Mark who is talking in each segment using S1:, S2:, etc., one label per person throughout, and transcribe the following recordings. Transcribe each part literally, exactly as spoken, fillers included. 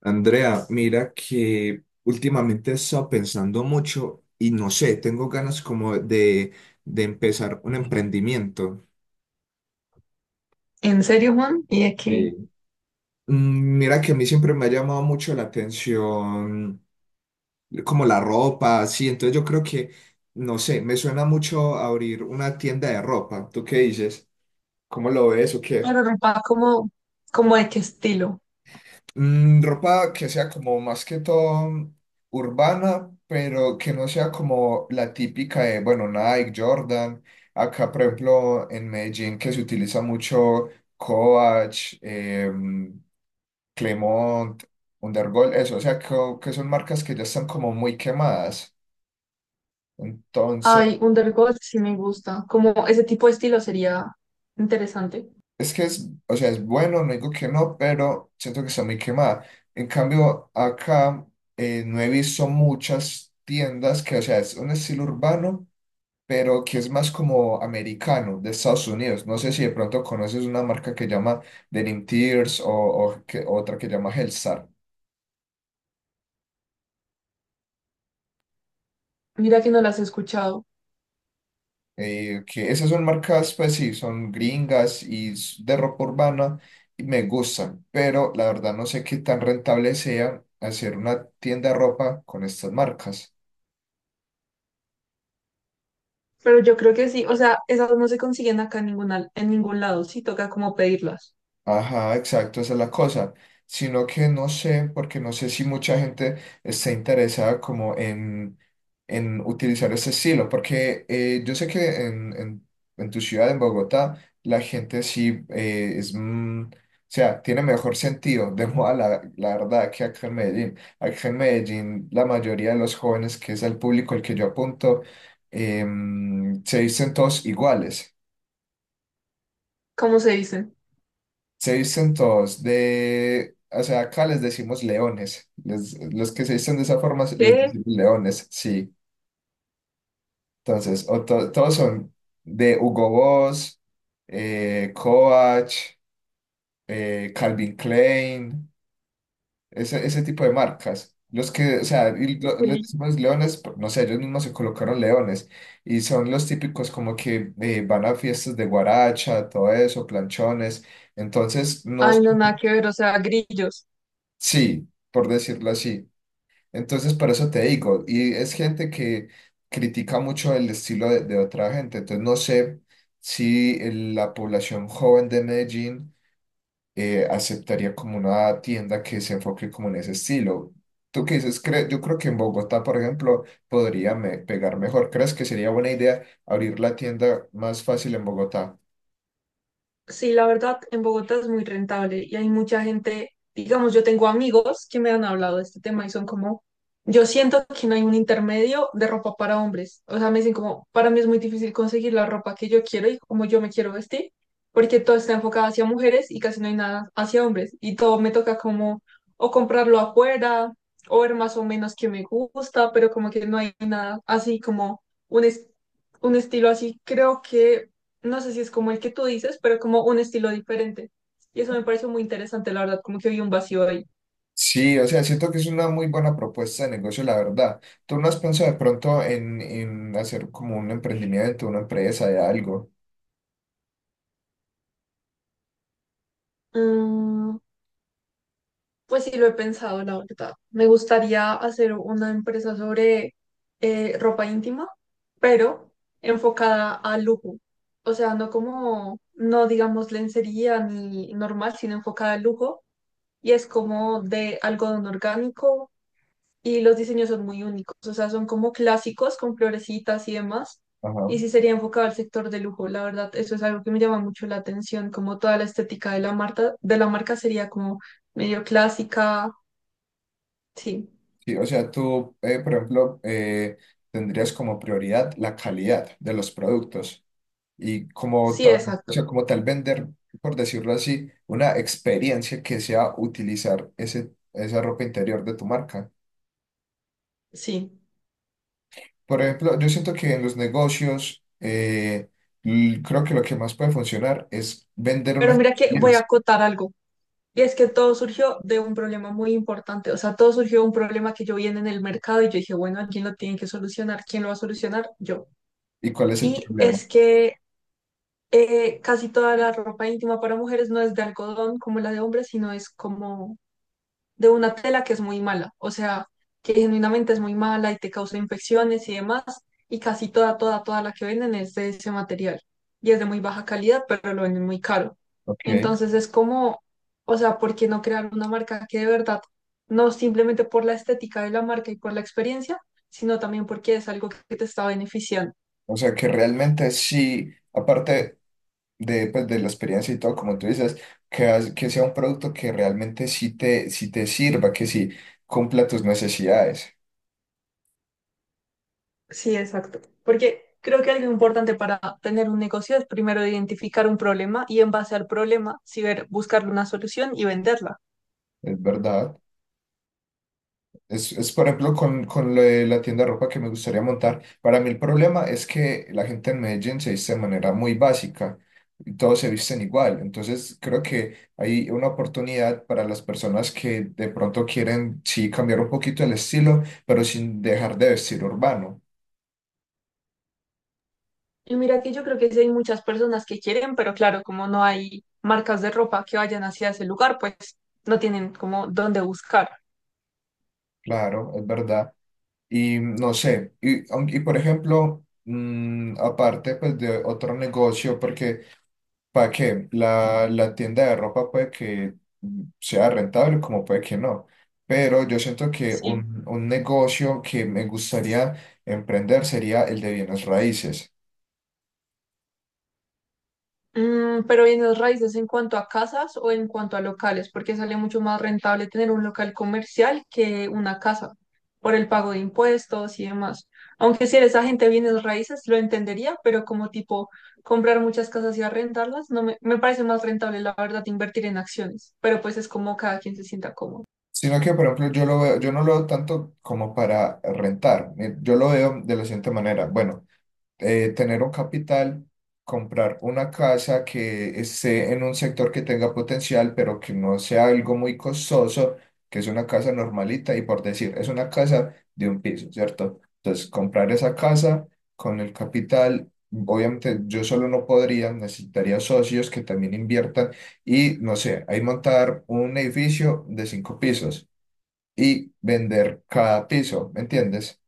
S1: Andrea, mira que últimamente he estado pensando mucho y no sé, tengo ganas como de, de empezar un emprendimiento.
S2: ¿En serio, Juan? ¿Y de qué?
S1: Sí. Mm, Mira que a mí siempre me ha llamado mucho la atención como la ropa, así, entonces yo creo que, no sé, me suena mucho abrir una tienda de ropa. ¿Tú qué dices? ¿Cómo lo ves o qué?
S2: Pero ropa como, como de qué estilo.
S1: Mm, ropa que sea como más que todo urbana, pero que no sea como la típica de, bueno, Nike, Jordan. Acá, por ejemplo, en Medellín, que se utiliza mucho Coach, em, Clemont, Undergol, eso, o sea, co- que son marcas que ya están como muy quemadas, entonces.
S2: Ay, Undergold sí me gusta. Como ese tipo de estilo sería interesante.
S1: Es que es, o sea, es bueno, no digo que no, pero siento que está muy quemada. En cambio, acá eh, no he visto muchas tiendas que, o sea, es un estilo urbano, pero que es más como americano, de Estados Unidos. No sé si de pronto conoces una marca que llama Denim Tears o, o que- otra que llama Hellstar.
S2: Mira que no las he escuchado.
S1: Eh, que esas son marcas, pues sí, son gringas y s- de ropa urbana y me gustan, pero la verdad no sé qué tan rentable sea hacer una tienda de ropa con estas marcas.
S2: Pero yo creo que sí. O sea, esas no se consiguen acá en ningún, en ningún lado. Sí, toca como pedirlas.
S1: Ajá, exacto, esa es la cosa. Sino que no sé, porque no sé si mucha gente está interesada como en, en utilizar ese estilo, porque eh, yo sé que en, en, en tu ciudad, en Bogotá, la gente sí, eh, es, mm, o sea, tiene mejor sentido de moda, la, la verdad, que acá en Medellín. Acá en Medellín, la mayoría de los jóvenes, que es el público al que yo apunto, em, se dicen todos iguales.
S2: ¿Cómo se dicen?
S1: Se visten todos de, o sea, acá les decimos leones. Les- los que se visten de esa forma se- les
S2: ¿Qué?
S1: decimos leones, sí. Entonces, o to- todos son de Hugo Boss, eh, Coach, eh, Calvin Klein, ese, ese tipo de marcas. Los que, o sea, y lo- les decimos leones, por- no sé, ellos mismos se colocaron leones. Y son los típicos como que eh, van a fiestas de guaracha, todo eso, planchones. Entonces, no,
S2: Ay, no, nada que ver. O sea, grillos.
S1: sí, por decirlo así. Entonces, por eso te digo, y es gente que critica mucho el estilo de, de otra gente, entonces no sé si el- la población joven de Medellín eh, aceptaría como una tienda que se enfoque como en ese estilo. ¿Tú qué dices? Cre- Yo creo que en Bogotá, por ejemplo, podría me- pegar mejor. ¿Crees que sería buena idea abrir la tienda más fácil en Bogotá?
S2: Sí, la verdad, en Bogotá es muy rentable y hay mucha gente, digamos, yo tengo amigos que me han hablado de este tema y son como, yo siento que no hay un intermedio de ropa para hombres. O sea, me dicen como, para mí es muy difícil conseguir la ropa que yo quiero y como yo me quiero vestir, porque todo está enfocado hacia mujeres y casi no hay nada hacia hombres. Y todo me toca como o comprarlo afuera o ver más o menos que me gusta, pero como que no hay nada así como un, es- un estilo así. Creo que no sé si es como el que tú dices, pero como un estilo diferente. Y eso me pareció muy interesante, la verdad, como que vi un vacío ahí.
S1: Sí, o sea, siento que es una muy buena propuesta de negocio, la verdad. ¿Tú no has pensado de pronto en, en hacer como un emprendimiento, una empresa de algo?
S2: Mm, pues sí, lo he pensado, la verdad. Me gustaría hacer una empresa sobre eh, ropa íntima, pero enfocada al lujo. O sea, no como, no digamos lencería ni normal, sino enfocada al lujo. Y es como de algodón orgánico, y los diseños son muy únicos, o sea, son como clásicos con florecitas y demás.
S1: Ajá.
S2: Y sí sería enfocado al sector de lujo, la verdad, eso es algo que me llama mucho la atención, como toda la estética de la marca, de la marca sería como medio clásica, sí,
S1: Sí, o sea, tú, eh, por ejemplo, eh, tendrías como prioridad la calidad de los productos y como
S2: sí,
S1: tal, o
S2: exacto,
S1: sea, como tal vender, por decirlo así, una experiencia que sea utilizar ese, esa ropa interior de tu marca.
S2: sí.
S1: Por ejemplo, yo siento que en los negocios, eh, l- creo que lo que más puede funcionar es vender una
S2: Pero mira que voy a
S1: experiencia.
S2: acotar algo, y es que todo surgió de un problema muy importante, o sea, todo surgió de un problema que yo vi en el mercado y yo dije, bueno, alguien lo tiene que solucionar, ¿quién lo va a solucionar? Yo.
S1: ¿Y cuál es el
S2: Y
S1: problema?
S2: es que Eh, casi toda la ropa íntima para mujeres no es de algodón como la de hombres, sino es como de una tela que es muy mala, o sea, que genuinamente es muy mala y te causa infecciones y demás, y casi toda, toda, toda la que venden es de ese material. Y es de muy baja calidad, pero lo venden muy caro.
S1: Ok.
S2: Entonces es como, o sea, ¿por qué no crear una marca que de verdad, no simplemente por la estética de la marca y por la experiencia, sino también porque es algo que te está beneficiando?
S1: O sea, que realmente sí, aparte de, pues, de la experiencia y todo, como tú dices, que, has- que sea un producto que realmente sí te, sí te sirva, que sí cumpla tus necesidades.
S2: Sí, exacto. Porque creo que algo importante para tener un negocio es primero identificar un problema y en base al problema, sí ver, buscarle una solución y venderla.
S1: Es verdad. Es, es, por ejemplo, con, con lo de la tienda de ropa que me gustaría montar. Para mí el problema es que la gente en Medellín se viste de manera muy básica y todos se visten igual. Entonces, creo que hay una oportunidad para las personas que de pronto quieren, sí, cambiar un poquito el estilo, pero sin dejar de vestir urbano.
S2: Y mira que yo creo que sí hay muchas personas que quieren, pero claro, como no hay marcas de ropa que vayan hacia ese lugar, pues no tienen como dónde buscar.
S1: Claro, es verdad. Y no sé, y, aun- y por ejemplo, mm, aparte pues de otro negocio, porque. ¿Para qué? La, la tienda de ropa puede que mm, sea rentable, como puede que no. Pero yo siento que
S2: Sí.
S1: un, un negocio que me gustaría emprender sería el de bienes raíces.
S2: Mm, pero bienes raíces en cuanto a casas o en cuanto a locales, porque sale mucho más rentable tener un local comercial que una casa, por el pago de impuestos y demás. Aunque si eres agente de bienes raíces, lo entendería, pero como tipo comprar muchas casas y arrendarlas, no me, me parece más rentable, la verdad, invertir en acciones. Pero pues es como cada quien se sienta cómodo.
S1: Sino que, por ejemplo, yo lo veo- yo no lo veo tanto como para rentar. Eh, Yo lo veo de la siguiente manera. Bueno, eh, tener un capital, comprar una casa que esté en un sector que tenga potencial, pero que no sea algo muy costoso, que es una casa normalita y por decir, es una casa de un piso, ¿cierto? Entonces, comprar esa casa con el capital. Obviamente yo solo no podría, necesitaría socios que también inviertan y no sé, ahí montar un edificio de cinco pisos y vender cada piso, ¿me entiendes?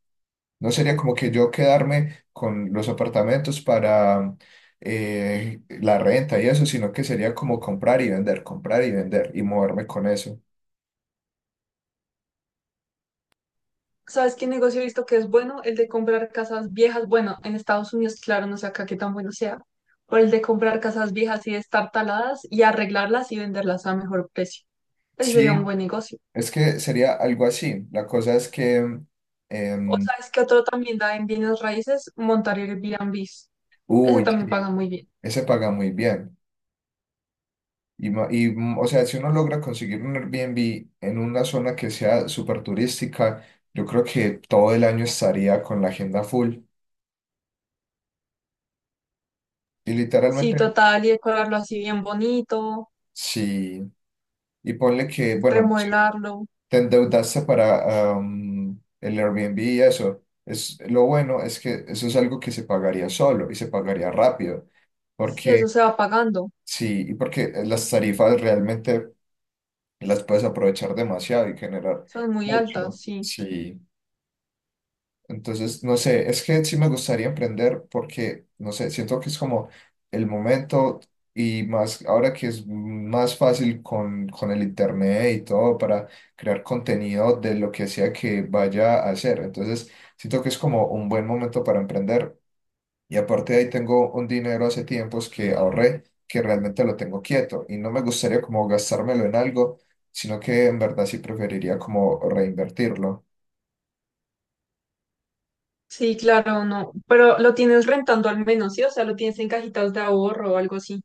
S1: No sería como que yo quedarme con los apartamentos para eh, la renta y eso, sino que sería como comprar y vender, comprar y vender y moverme con eso.
S2: ¿Sabes qué negocio he visto que es bueno? El de comprar casas viejas. Bueno, en Estados Unidos, claro, no sé acá qué tan bueno sea. Pero el de comprar casas viejas y de estar taladas y arreglarlas y venderlas a mejor precio. Ese
S1: Sí,
S2: sería un buen negocio.
S1: es que sería algo así. La cosa es que,
S2: O
S1: em,
S2: sabes que otro también da en bienes raíces, montar Airbnbs. Ese
S1: uy,
S2: también
S1: sí,
S2: paga muy bien.
S1: ese paga muy bien. Y, ma- y, mm, o sea, si uno logra conseguir un Airbnb en una zona que sea súper turística, yo creo que todo el año estaría con la agenda full. Y
S2: Sí,
S1: literalmente,
S2: total, y decorarlo así bien bonito,
S1: sí. Y ponle que, bueno,
S2: remodelarlo.
S1: te endeudaste para am, el Airbnb y eso. Es, lo bueno es que eso es algo que se pagaría solo y se pagaría rápido,
S2: Sí, eso
S1: porque
S2: se va pagando.
S1: sí, y porque las tarifas realmente las puedes aprovechar demasiado y generar
S2: Son muy altas,
S1: mucho.
S2: sí.
S1: Sí. Entonces, no sé, es que sí me gustaría emprender porque, no sé, siento que es como el momento y más ahora que es más fácil con, con el internet y todo para crear contenido de lo que sea que vaya a hacer. Entonces, siento que es como un buen momento para emprender. Y aparte de ahí tengo un dinero hace tiempos que ahorré, que realmente lo tengo quieto y no me gustaría como gastármelo en algo, sino que en verdad sí preferiría como reinvertirlo.
S2: Sí, claro, no. Pero lo tienes rentando al menos, ¿sí? O sea, lo tienes en cajitas de ahorro o algo así.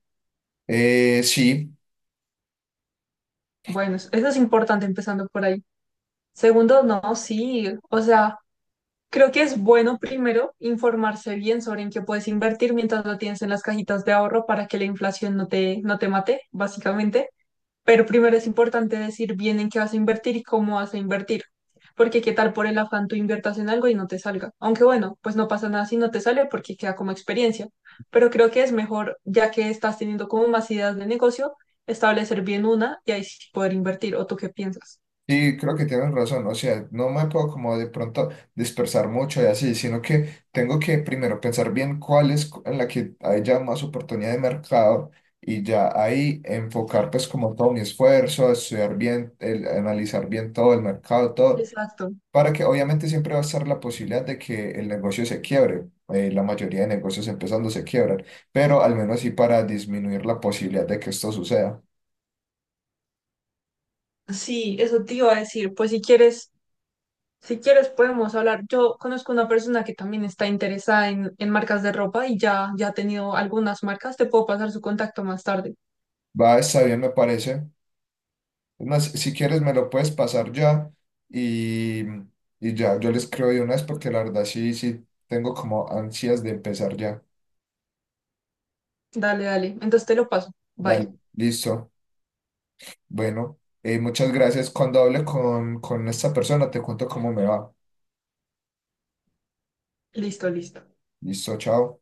S1: Eh, sí.
S2: Bueno, eso es importante empezando por ahí. Segundo, no, sí, o sea, creo que es bueno primero informarse bien sobre en qué puedes invertir mientras lo tienes en las cajitas de ahorro para que la inflación no te, no te mate, básicamente. Pero primero es importante decir bien en qué vas a invertir y cómo vas a invertir. Porque qué tal por el afán tú inviertas en algo y no te salga. Aunque bueno, pues no pasa nada si no te sale porque queda como experiencia. Pero creo que es mejor, ya que estás teniendo como más ideas de negocio, establecer bien una y ahí sí poder invertir. ¿O tú qué piensas?
S1: Sí, creo que tienes razón, o sea, no me puedo como de pronto dispersar mucho y así, sino que tengo que primero pensar bien cuál es cu- en la que hay ya más oportunidad de mercado y ya ahí enfocar pues como todo mi esfuerzo, estudiar bien, el- analizar bien todo el mercado, todo,
S2: Exacto.
S1: para que obviamente siempre va a estar la posibilidad de que el negocio se quiebre, eh, la mayoría de negocios empezando se quiebran, pero al menos sí para disminuir la posibilidad de que esto suceda.
S2: Sí, eso te iba a decir. Pues si quieres, si quieres podemos hablar. Yo conozco una persona que también está interesada en, en marcas de ropa y ya, ya ha tenido algunas marcas. Te puedo pasar su contacto más tarde.
S1: Va, está bien, me parece. Es más, si quieres me lo puedes pasar ya y, y ya, yo les creo de una vez porque la verdad sí, sí, tengo como ansias de empezar ya.
S2: Dale, dale. Entonces te lo paso. Bye.
S1: Dale, listo. Bueno, eh, muchas gracias. Cuando hable con, con esta persona te cuento cómo me va.
S2: Listo, listo.
S1: Listo, chao.